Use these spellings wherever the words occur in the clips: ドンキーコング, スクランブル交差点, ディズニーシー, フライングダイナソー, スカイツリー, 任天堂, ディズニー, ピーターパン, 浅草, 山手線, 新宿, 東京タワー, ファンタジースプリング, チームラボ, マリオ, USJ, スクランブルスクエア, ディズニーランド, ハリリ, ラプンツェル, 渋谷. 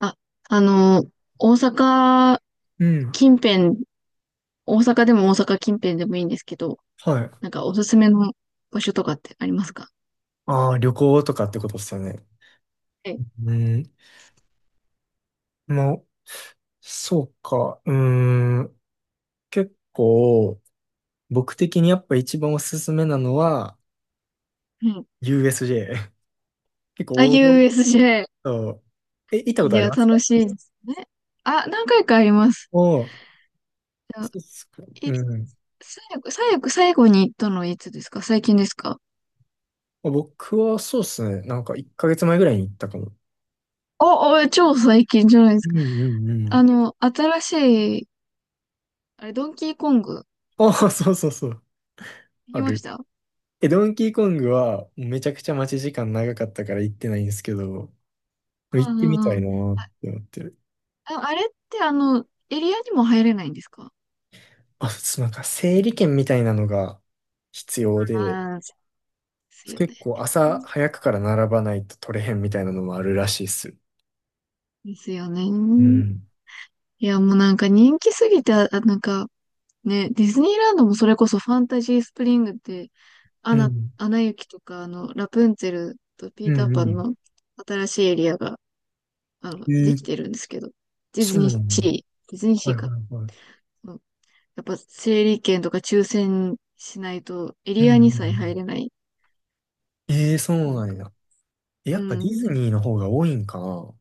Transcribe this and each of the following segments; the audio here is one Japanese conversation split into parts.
あ、あの、大阪うん。近辺、大阪でも大阪近辺でもいいんですけど、はい。なんかおすすめの場所とかってありますか？ああ、旅行とかってことですよね。はい。うん。まあ、そうか。うーん。結構、僕的にやっぱ一番おすすめなのは、うん。USJ。結あ、構王道 USJ。と、行ったこいとありや、ますか？楽しいですね。あ、何回かあります。おおー、そあうっすか。うい、ん。最後に行ったのはいつですか？最近ですか？僕はそうっすね。なんか1ヶ月前ぐらいに行ったかも。超最近じゃないですうんか。うんうん。新しい、ドンキーコング、ああ、そうそうそう。行きあましる。た？ドンキーコングはめちゃくちゃ待ち時間長かったから行ってないんですけど、行うっんうてみんたうん。いなーっあ、て思ってる。あれってエリアにも入れないんですか？あ、そう、なんか整理券みたいなのが必要で、ああ、そうですよ結ね。構う朝ん、早くから並ばないと取れへんみたいなのもあるらしいっす。ですよね。うん。いや、もうなんか人気すぎて、なんかね、ディズニーランドもそれこそファンタジースプリングって、アうナ、ん。アナ雪とか、ラプンツェルとピうーターんうパンん。の新しいエリアが、えできー、てるんですけど、ディズそうなニーんだ。シー、ディズニーはシーいか。はいはい。うん、やっぱ整理券とか抽選しないとエうリんうアんうにさえ入ん。れない。そうなんなんか、や。やうっぱディん。ズニーの方が多いんかな？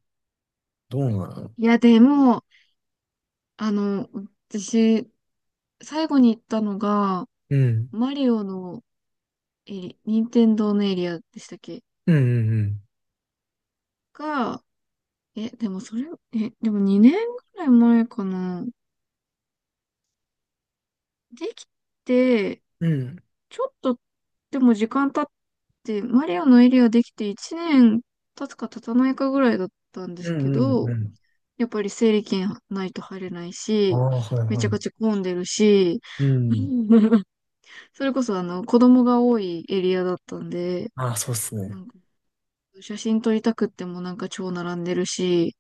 どうなの？いや、でも、あの、私、最後に行ったのが、うん。マリオの、任天堂のエリアでしたっけうんうんが、でもそれ、でも2年ぐらい前かな。できて、うん。うん。ちょっと、でも時間経って、マリオのエリアできて1年経つか経たないかぐらいだったんでうすけんうんど、うん。やっぱり整理券ないと入れないああ、し、はいめはちゃい。くちゃ混んでるし、うん。それこそ子供が多いエリアだったんで、ああ、そうっすなね。んか写真撮りたくってもなんか超並んでるし、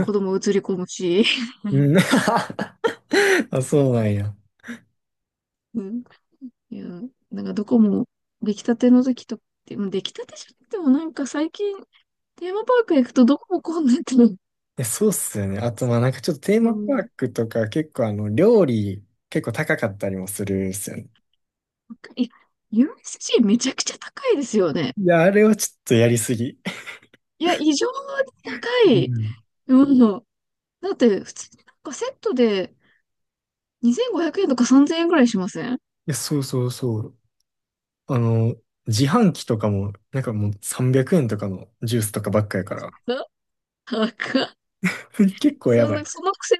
子 供映り込むし、うん。あ、そうなんや。うん。いや、なんかどこも出来たての時とか、でも出来たてじゃなくてもなんか最近テーマパーク行くとどこも混んでて、そうっすよね。あと、まあなんかちょっとテーうマパーん、クとか結構料理結構高かったりもするっすよね。高い、いや、USC めちゃくちゃ高いですよね。いや、あれはちょっとやりすぎ。いや、異常に 高うん。い。いうん。だって普通になんかセットで2500円とか3000円ぐらいしません？や、そうそうそう。あの、自販機とかも、なんかもう300円とかのジュースとかばっかやから。な高っ。 結構やそんばな、い。そのくせ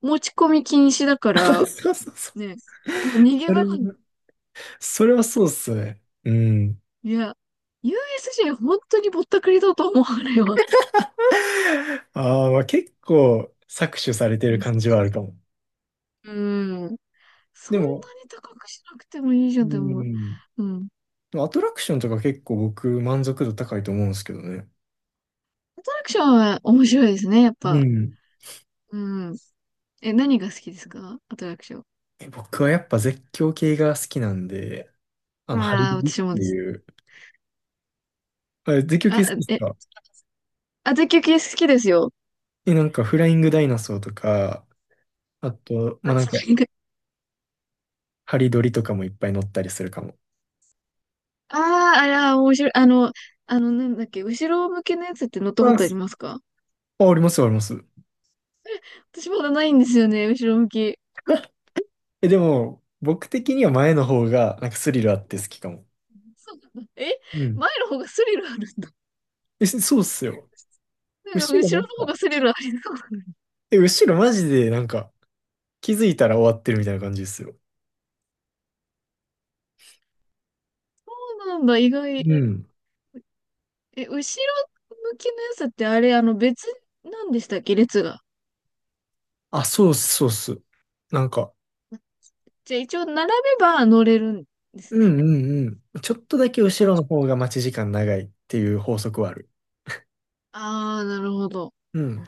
持ち込み禁止だか ら、そうそうそう。ね、もう逃げそ場れが。は、それはそうっすね。うん。いや、USJ 本当にぼったくりだと思われよ。ああ、まあ結構搾取されてうるん。感じはあるかも。うん、そでんも、なに高くしなくてもいいじうゃん、でも。ん。うん。でもアトラクションとか結構僕満足度高いと思うんですけどね。アトラクションは面白いですね、やっうぱ。ん。うん。何が好きですか、アトラクション？僕はやっぱ絶叫系が好きなんで、ハリああ、リっ私もてです。いう。あれ、絶叫系あ、好きですえ、か？あたきゅき好きですよ。なんかフライングダイナソーとか、あと、まあ、なんか、ハリドリとかもいっぱい乗ったりするかも。ああー、あら、面白い。なんだっけ、後ろ向きのやつって乗ったこあ、とありすますか？あ、ありますあります。私まだないんですよね、後ろ向き。でも、僕的には前の方が、なんかスリルあって好きかも。そうなんだ。うん。前の方がスリルある。そうっすよ。なんか後ろな後ろんの方か、がスリルありそう。そ後ろマジでなんか、気づいたら終わってるみたいな感じですよ。うなんだ、意外。うん。後ろ向きのやつってあれ、別なんでしたっけ、列が。あ、そうっす、そうっす。なんか、じゃあ一応並べば乗れるんでうすね。んうんうん。ちょっとだけ後あ、ろの方が待ち時間長いっていう法則はある。なるほど。うん。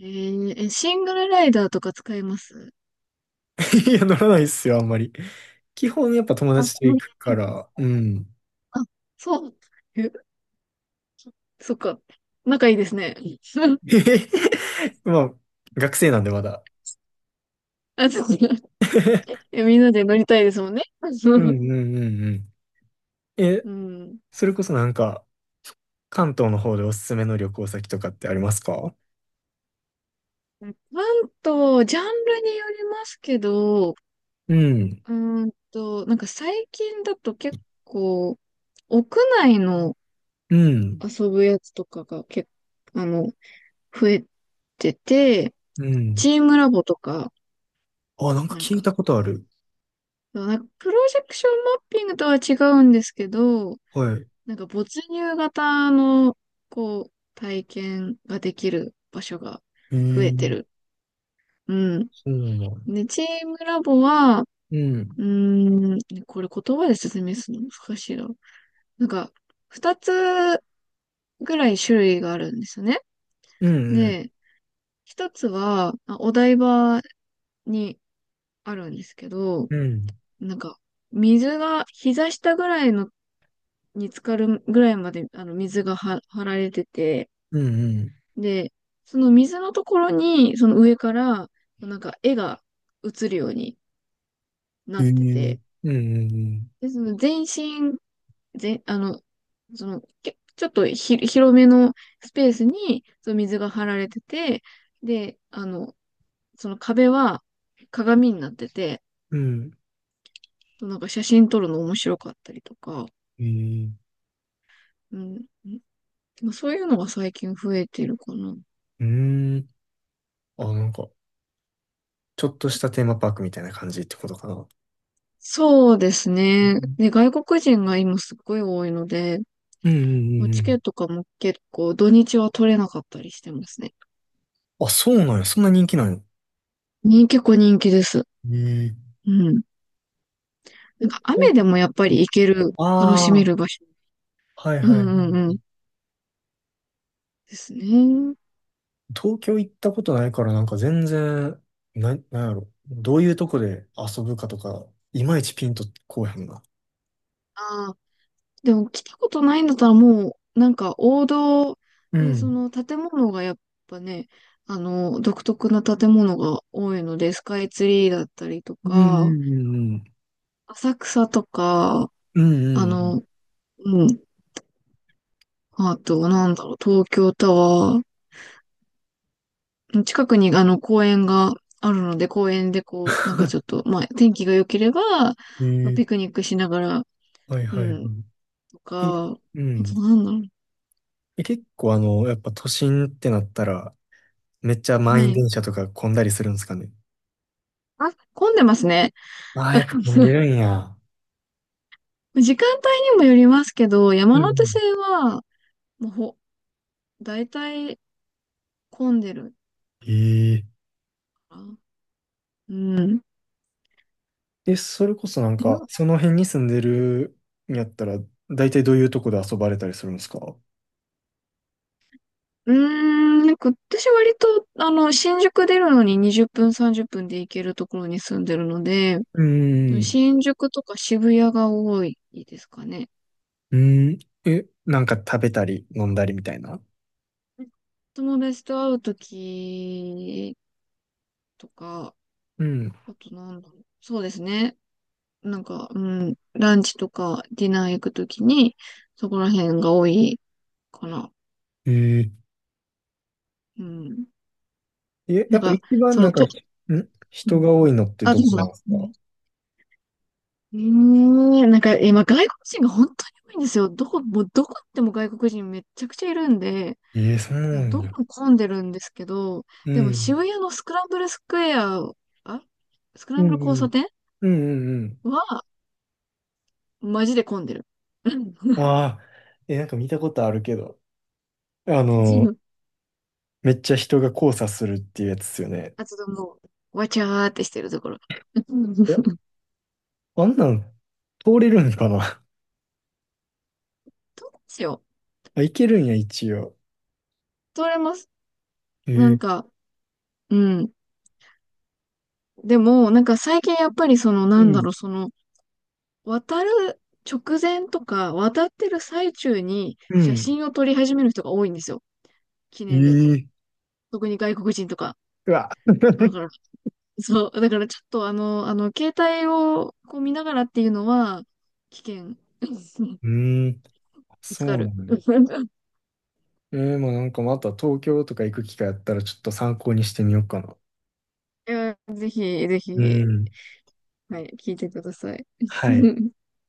えーえ、シングルライダーとか使えます？ いや、乗らないっすよ、あんまり。基本やっぱ友あ、達とそれ行くから、うん。あ、そう。え、そっか。仲いいですね。まあ、学生なんでまだ。あ、そう。みんなで乗りたいですもんね。うん うんうんうん。え、うん。それこそなんか、関東の方でおすすめの旅行先とかってありますか？関東、ジャンルによりますけど、うん、うなんか最近だと結構、屋内のうん、遊ぶやつとかが結構、増えてて、うん。チームラボとか、あ、なんかなん聞いか、たことある。なんかプロジェクションマッピングとは違うんですけど、はい。なんか没入型の、こう、体験ができる場所がえ増えー、てる。うん。そうなんだ。で、チームラボは、うん。うーん、これ言葉で説明するの難しいな。なんか、二つぐらい種類があるんですよね。うんうん。で、一つは、まあお台場にあるんですけど、うん。なんか、水が、膝下ぐらいの、に浸かるぐらいまで、水がは張られてて、うんうん。で、その水のところに、その上から、なんか、絵が映るようにえなってー、て、うんうんで、その全身、全、あの、その、ちょっと広めのスペースに、その水が張られてて、で、その壁は鏡になってて、うん。うん。なんか写真撮るの面白かったりとか、えうん、まあそういうのが最近増えてるかな。うんうんうんうんうん。あ、なんか、ちょっとしたテーマパークみたいな感じってことかな。そうですうね。んね、外国人が今すっごい多いので、うんうもうんうチケッん。トとかも結構土日は取れなかったりしてますね。あ、そうなんや。そんな人気なんや。結構人気です。ええ。うん。なんかお、お、雨でもやっぱり行ける、楽しめある場所。あ、はいうはんいはうんうん。い。ですね。東京行ったことないからなんか全然、なんやろ。どういうとこで遊ぶかとか、いまいちピンとこうへんな。あでも来たことないんだったらもう、なんか王道うで、そん。の建物がやっぱね、独特な建物が多いので、スカイツリーだったりとうんうか、んうん。浅草とか、うんうあんうん。の、うん、あと、なんだろう、東京タワー、近くにあの公園があるので、公園でこう、なんかちょっ と、まあ、天気が良ければ、えピクえ。ニックしながら、はいうはいはん、い。といや、か、うあとん。なんだろ結構やっぱ都心ってなったら、めっちゃう、満員ね。電車とか混んだりするんですかね？あ、混んでますね。ああ、やっぱ混んで るんや。時間帯にもよりますけど、う山んう手ん。線は、もう大体混んでるえかな。うん。ええ、それこそなんまか、あ、その辺に住んでるんやったら、大体どういうとこで遊ばれたりするんですか？うーなんか私割と、新宿出るのに20分、30分で行けるところに住んでるので、うん。新宿とか渋谷が多いですかね。うん。なんか食べたり飲んだりみたいな。友達と会うときとか、うん。あとなんだろう。そうですね。なんか、うん、ランチとかディナー行くときに、そこら辺が多いかな。えうん。ええ、やなんっぱか、一番そなの、んか、と、う人んがう多ん、いのってあ、どどうこぞ。なんですうか？ん、なんか今外国人が本当に多いんですよ。もうどこ行っても外国人めっちゃくちゃいるんで、ええ。そうなんどや。こも混んでるんですけど、うでも渋ん。谷のスクランブルスクエア、あ、スクうラんンうブル交差ん。点うんうんは、マジで混んでる。うん。 うん。ああ、なんか見たことあるけど。あの、めっちゃ人が交差するっていうやつっすよね。あとでもわちゃーってしてるところ。うん、どいや、うあんなん通れるんかな？ しよ あ、いけるんや、一応。う。通れます。えなんー、か、うん。でも、なんか最近やっぱりその、なうんだん。ろう、その、渡る直前とか、渡ってる最中にう写ん。真を撮り始める人が多いんですよ。記え念で。ー、特に外国人とか。うわ。だか ら、そう、だからちょっと携帯をこう見ながらっていうのは、危険。うーん、ぶつそうかなる。のね。えー、まあなんかまた東京とか行く機会あったらちょっと参考にしてみようかな。いや、ぜひ、ぜうひ、ん。はい、聞いてください。はい。